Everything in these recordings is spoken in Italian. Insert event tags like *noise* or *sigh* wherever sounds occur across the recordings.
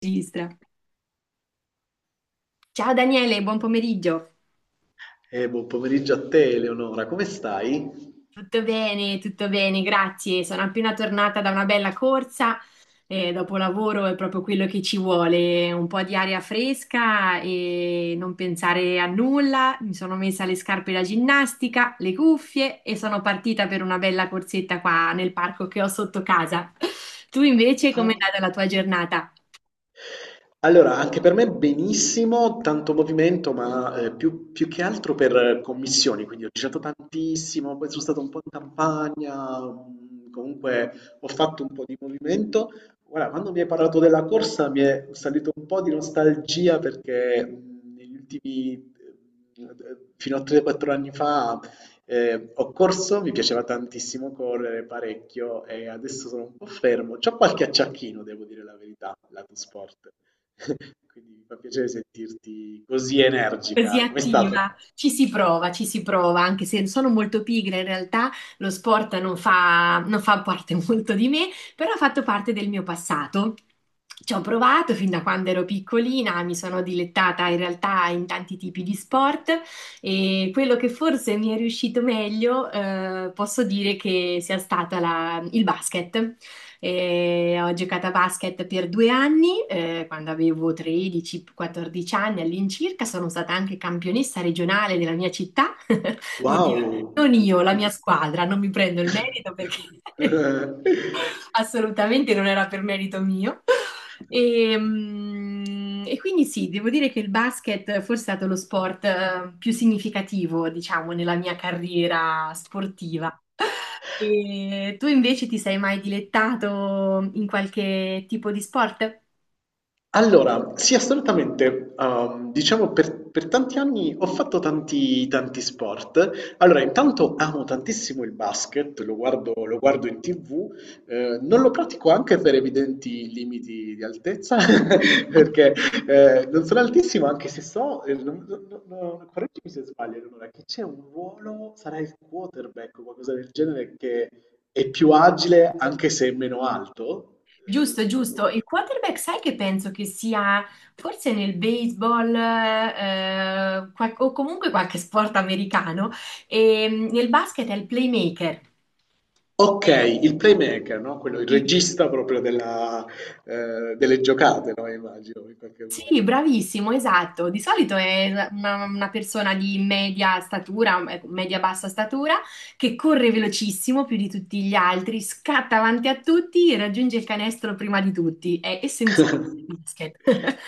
Registra. Ciao Daniele, buon pomeriggio. Buon pomeriggio a te, Eleonora, come stai? Tutto bene, grazie. Sono appena tornata da una bella corsa e dopo lavoro è proprio quello che ci vuole, un po' di aria fresca e non pensare a nulla. Mi sono messa le scarpe da ginnastica, le cuffie e sono partita per una bella corsetta qua nel parco che ho sotto casa. *laughs* Tu invece, com'è Ah. andata la tua giornata? Allora, anche per me benissimo, tanto movimento, ma più che altro per commissioni, quindi ho girato tantissimo, poi sono stato un po' in campagna, comunque ho fatto un po' di movimento. Guarda, quando mi hai parlato della corsa mi è salito un po' di nostalgia perché negli ultimi, fino a 3-4 anni fa, ho corso, mi piaceva tantissimo correre parecchio e adesso sono un po' fermo. C'ho qualche acciacchino, devo dire la verità, lato sport. *laughs* Quindi mi fa piacere sentirti così Così energica. Com'è stato? attiva, ci si prova, anche se sono molto pigra in realtà, lo sport non fa parte *laughs* molto di me, però ha fatto parte del mio passato. Ci ho provato fin da quando ero piccolina, mi sono dilettata in realtà in tanti tipi di sport e quello che forse mi è riuscito meglio, posso dire che sia stata il basket. E ho giocato a basket per due anni, quando avevo 13-14 anni all'incirca, sono stata anche campionessa regionale della mia città. *laughs* Oddio, Wow! non io, la mia squadra, non mi prendo il merito perché *laughs* *laughs* *laughs* assolutamente non era per merito mio. E, e quindi sì, devo dire che il basket forse è stato lo sport più significativo, diciamo, nella mia carriera sportiva. E tu invece ti sei mai dilettato in qualche tipo di sport? Allora, sì, assolutamente. Diciamo per tanti anni ho fatto tanti sport. Allora, intanto amo tantissimo il basket, lo guardo in TV, non lo pratico anche per evidenti limiti di altezza, *laughs* perché non sono altissimo, anche se so, correggimi se sbaglio, Eleonora, che c'è un ruolo, sarà il quarterback o qualcosa del genere, che è più agile anche se è meno alto. Giusto, ricordo. giusto. Il quarterback, sai che penso che sia forse nel baseball, qual- o comunque qualche sport americano e nel basket è il playmaker. Ok, il playmaker, no? Quello, il regista proprio della, delle giocate, no? Immagino, in qualche Sì, modo. bravissimo, esatto. Di solito è una persona di media statura, ecco, media-bassa statura, che corre velocissimo più di tutti gli altri, scatta avanti a tutti, raggiunge il canestro prima di tutti. È essenziale *laughs* il basket. *laughs*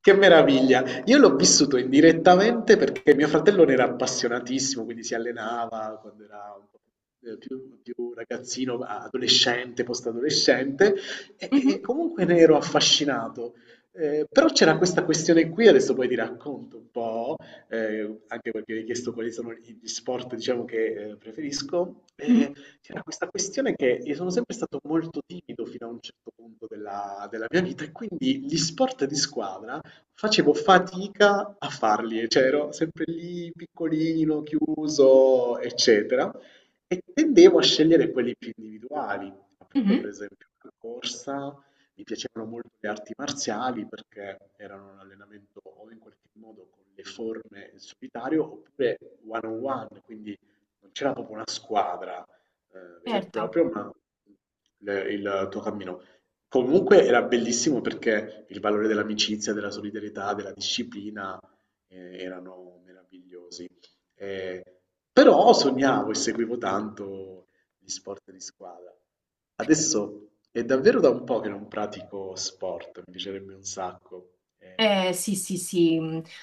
Che meraviglia! Io l'ho vissuto indirettamente perché mio fratello ne era appassionatissimo, quindi si allenava quando era un po' più ragazzino, adolescente, post-adolescente, e Mhm, comunque ne ero affascinato. Però c'era questa questione qui, adesso poi ti racconto un po', anche perché mi hai chiesto quali sono gli sport, diciamo, che preferisco. mhm, C'era questa questione che io sono sempre stato molto timido fino a un certo punto della mia vita e quindi gli sport di squadra facevo fatica a farli, cioè ero sempre lì piccolino, chiuso, eccetera, e tendevo a scegliere quelli più individuali, appunto mhm. per esempio la corsa, mi piacevano molto le arti marziali perché erano un allenamento o in qualche modo con le forme in solitario oppure one on one, quindi non c'era proprio una squadra vera e Certo. propria, ma il tuo cammino comunque era bellissimo perché il valore dell'amicizia, della solidarietà, della disciplina erano meravigliosi. Eh, Però sognavo e seguivo tanto gli sport di squadra. Adesso è davvero da un po' che non pratico sport, mi piacerebbe un sacco. Sì, sì, sì.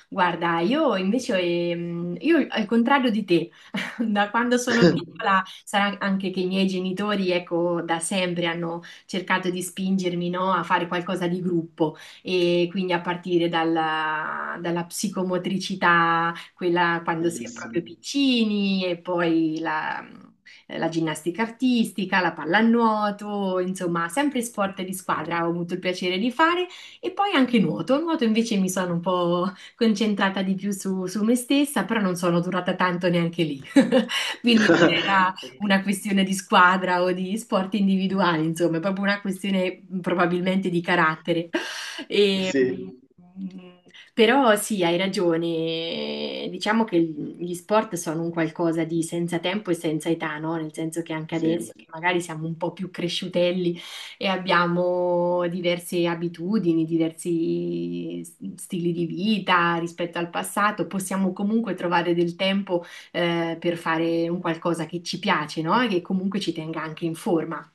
Guarda, io invece, io al contrario di te, *laughs* da quando sono *laughs* piccola, sarà anche che i miei genitori, ecco, da sempre hanno cercato di spingermi, no, a fare qualcosa di gruppo e quindi a partire dalla psicomotricità, quella quando si è proprio bellissimo. piccini e poi la ginnastica artistica, la pallanuoto, insomma, sempre sport di squadra ho avuto il piacere di fare e poi anche nuoto. Nuoto invece mi sono un po' concentrata di più su me stessa, però non sono durata tanto neanche lì. Quindi non *laughs* era Ok, una questione di squadra o di sport individuali, insomma, è proprio una questione probabilmente di carattere. E, sì, però sì, hai ragione. Diciamo che gli sport sono un qualcosa di senza tempo e senza età, no? Nel senso che anche sì. adesso, che magari siamo un po' più cresciutelli e abbiamo diverse abitudini, diversi s- stili di vita rispetto al passato, possiamo comunque trovare del tempo, per fare un qualcosa che ci piace, no? E che comunque ci tenga anche in forma.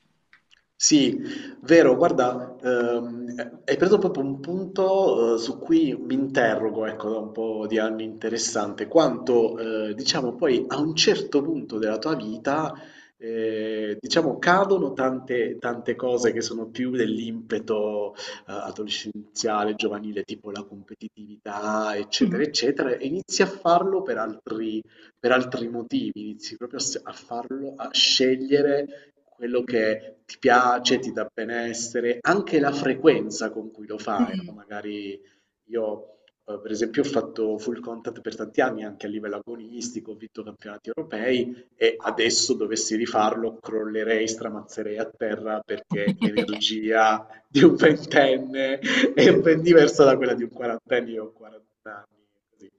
Sì, vero, guarda, hai preso proprio un punto, su cui mi interrogo, ecco, da un po' di anni interessante, quanto, diciamo, poi a un certo punto della tua vita, diciamo, cadono tante cose che sono più dell'impeto, adolescenziale, giovanile, tipo la competitività, eccetera, Mm. eccetera, e inizi a farlo per altri motivi, inizi proprio a farlo, a scegliere quello che ti piace, ti dà benessere, anche la frequenza con cui lo fai, no? Mm. Magari io, per esempio, ho fatto full contact per tanti anni anche a livello agonistico, ho vinto campionati europei e Wow. adesso dovessi rifarlo, crollerei, stramazzerei a terra perché *laughs* l'energia di un ventenne *laughs* è ben diversa da quella di un quarantenne, io ho 40 anni,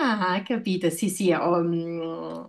Ah, capito, sì, sì, ho,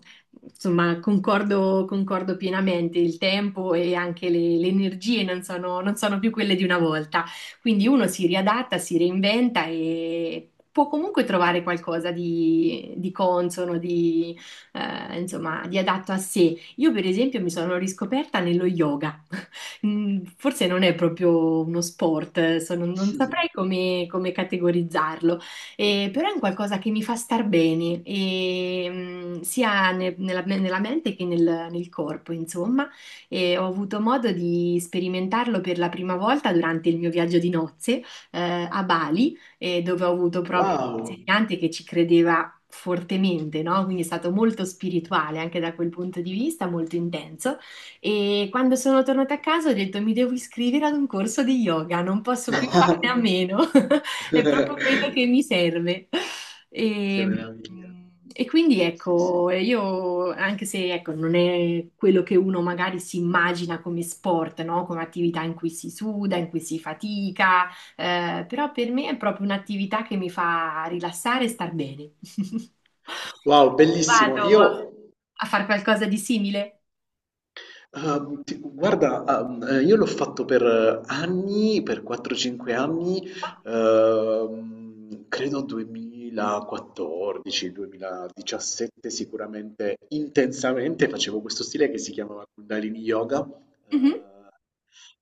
insomma, concordo, concordo pienamente, il tempo e anche le energie non sono più quelle di una volta, quindi uno si riadatta, si reinventa e può comunque trovare qualcosa di consono, di, insomma, di adatto a sé. Io, per esempio, mi sono riscoperta nello yoga. *laughs* Mm, forse non è proprio uno sport, non così. saprei come categorizzarlo. Però è un qualcosa che mi fa star bene, e, sia nella mente che nel corpo, insomma. E ho avuto modo di sperimentarlo per la prima volta durante il mio viaggio di nozze, a Bali, dove ho avuto proprio un Wow! insegnante che ci credeva fortemente, no? Quindi è stato molto spirituale anche da quel punto di vista, molto intenso. E quando sono tornata a casa ho detto mi devo iscrivere ad un corso di yoga, non posso più *laughs* farne a meno. *laughs* È proprio quello che mi serve. Che E, meraviglia. e quindi Sì, sì. ecco, io anche se ecco, non è quello che uno magari si immagina come sport, no? Come attività in cui si suda, in cui si fatica, però per me è proprio un'attività che mi fa rilassare e star bene. *laughs* Wow, Tu bellissimo. vado a, Io a fare qualcosa di simile? Guarda, io l'ho fatto per anni, per 4-5 anni, credo 2014, 2017 sicuramente intensamente facevo questo stile che si chiamava Kundalini Yoga, Mhm. eh,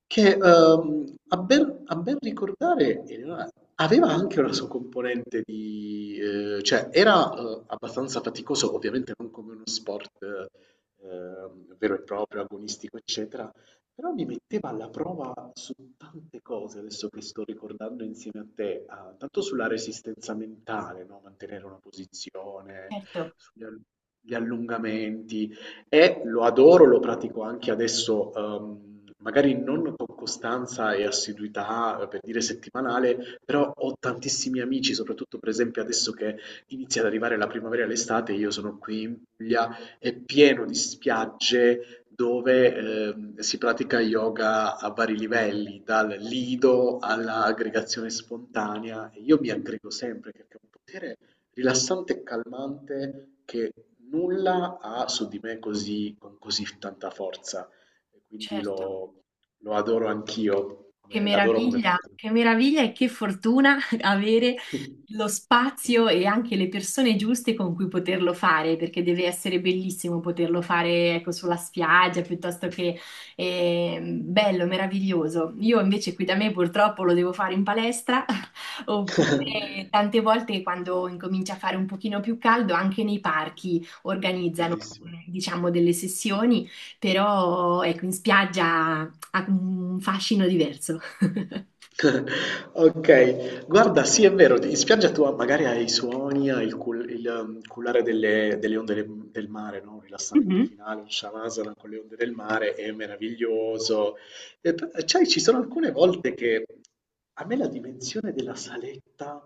che a ben ricordare aveva anche una sua componente di cioè era abbastanza faticoso, ovviamente non come uno sport vero e proprio, agonistico, eccetera, però mi metteva alla prova su tante cose, adesso che sto ricordando insieme a te, ah, tanto sulla resistenza mentale, no? Mantenere una posizione, Certo, sugli all- gli allungamenti, e lo adoro, lo pratico anche adesso, magari non con costanza e assiduità, per dire settimanale, però ho tantissimi amici, soprattutto per esempio adesso che inizia ad arrivare la primavera e l'estate, io sono qui in Puglia, è pieno di spiagge dove, si pratica yoga a vari livelli, dal lido all'aggregazione spontanea. E io mi aggrego sempre perché è un potere rilassante e calmante che nulla ha su di me così, con così tanta forza. E quindi certo. lo, lo adoro anch'io, l'adoro come pratica. Che meraviglia e che fortuna *laughs* avere lo spazio e anche le persone giuste con cui poterlo fare, perché deve essere bellissimo poterlo fare, ecco, sulla spiaggia piuttosto che, bello, meraviglioso. Io invece qui da me purtroppo lo devo fare in palestra, *laughs* oppure *laughs* tante volte quando incomincia a fare un pochino più caldo, anche nei parchi organizzano, Bellissimo. diciamo, delle sessioni, però ecco, in spiaggia ha un fascino diverso. *laughs* *laughs* Okay, guarda, sì è vero, d in spiaggia tu magari hai i suoni, hai il cullare delle onde de del mare, no, un rilassamento Mhm, finale, un shavasana con le onde del mare è meraviglioso. E p sai ci sono alcune volte che a me la dimensione della saletta,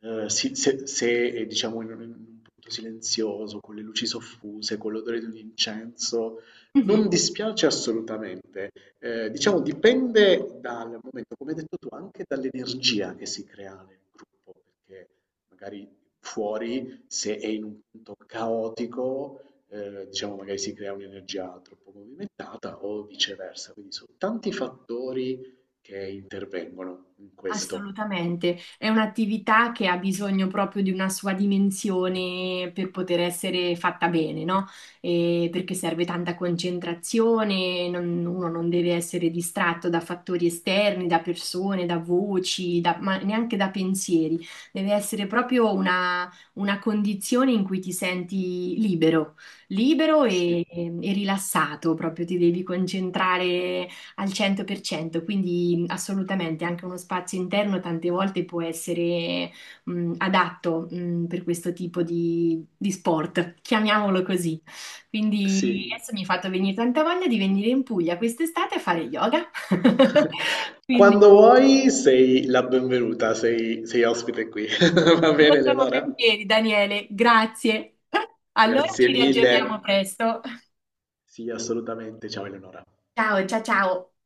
si se è diciamo in un punto silenzioso, con le luci soffuse, con l'odore di un incenso, mhm. non dispiace assolutamente, diciamo dipende dal momento, come hai detto tu, anche dall'energia che si crea nel gruppo, perché magari fuori, se è in un punto caotico, diciamo magari si crea un'energia troppo movimentata o viceversa, quindi sono tanti fattori che intervengono in questo. Assolutamente, è un'attività che ha bisogno proprio di una sua dimensione per poter essere fatta bene, no? E perché serve tanta concentrazione, non- uno non deve essere distratto da fattori esterni, da persone, da voci, da- ma neanche da pensieri. Deve essere proprio una condizione in cui ti senti libero, libero Sì. e rilassato, proprio ti devi concentrare al 100%, quindi assolutamente anche uno spazio interno tante volte può essere adatto per questo tipo di sport, chiamiamolo così. Quindi Sì. adesso mi hai fatto venire tanta voglia di venire in Puglia quest'estate a fare yoga. *laughs* *laughs* Quindi Quando vuoi sei la benvenuta, sei ospite qui. *laughs* Va bene, molto Leonora? volentieri, Daniele, grazie. Allora Grazie ci mille. riaggiorniamo presto. Sì, assolutamente. Ciao Eleonora. Ciao, ciao, ciao.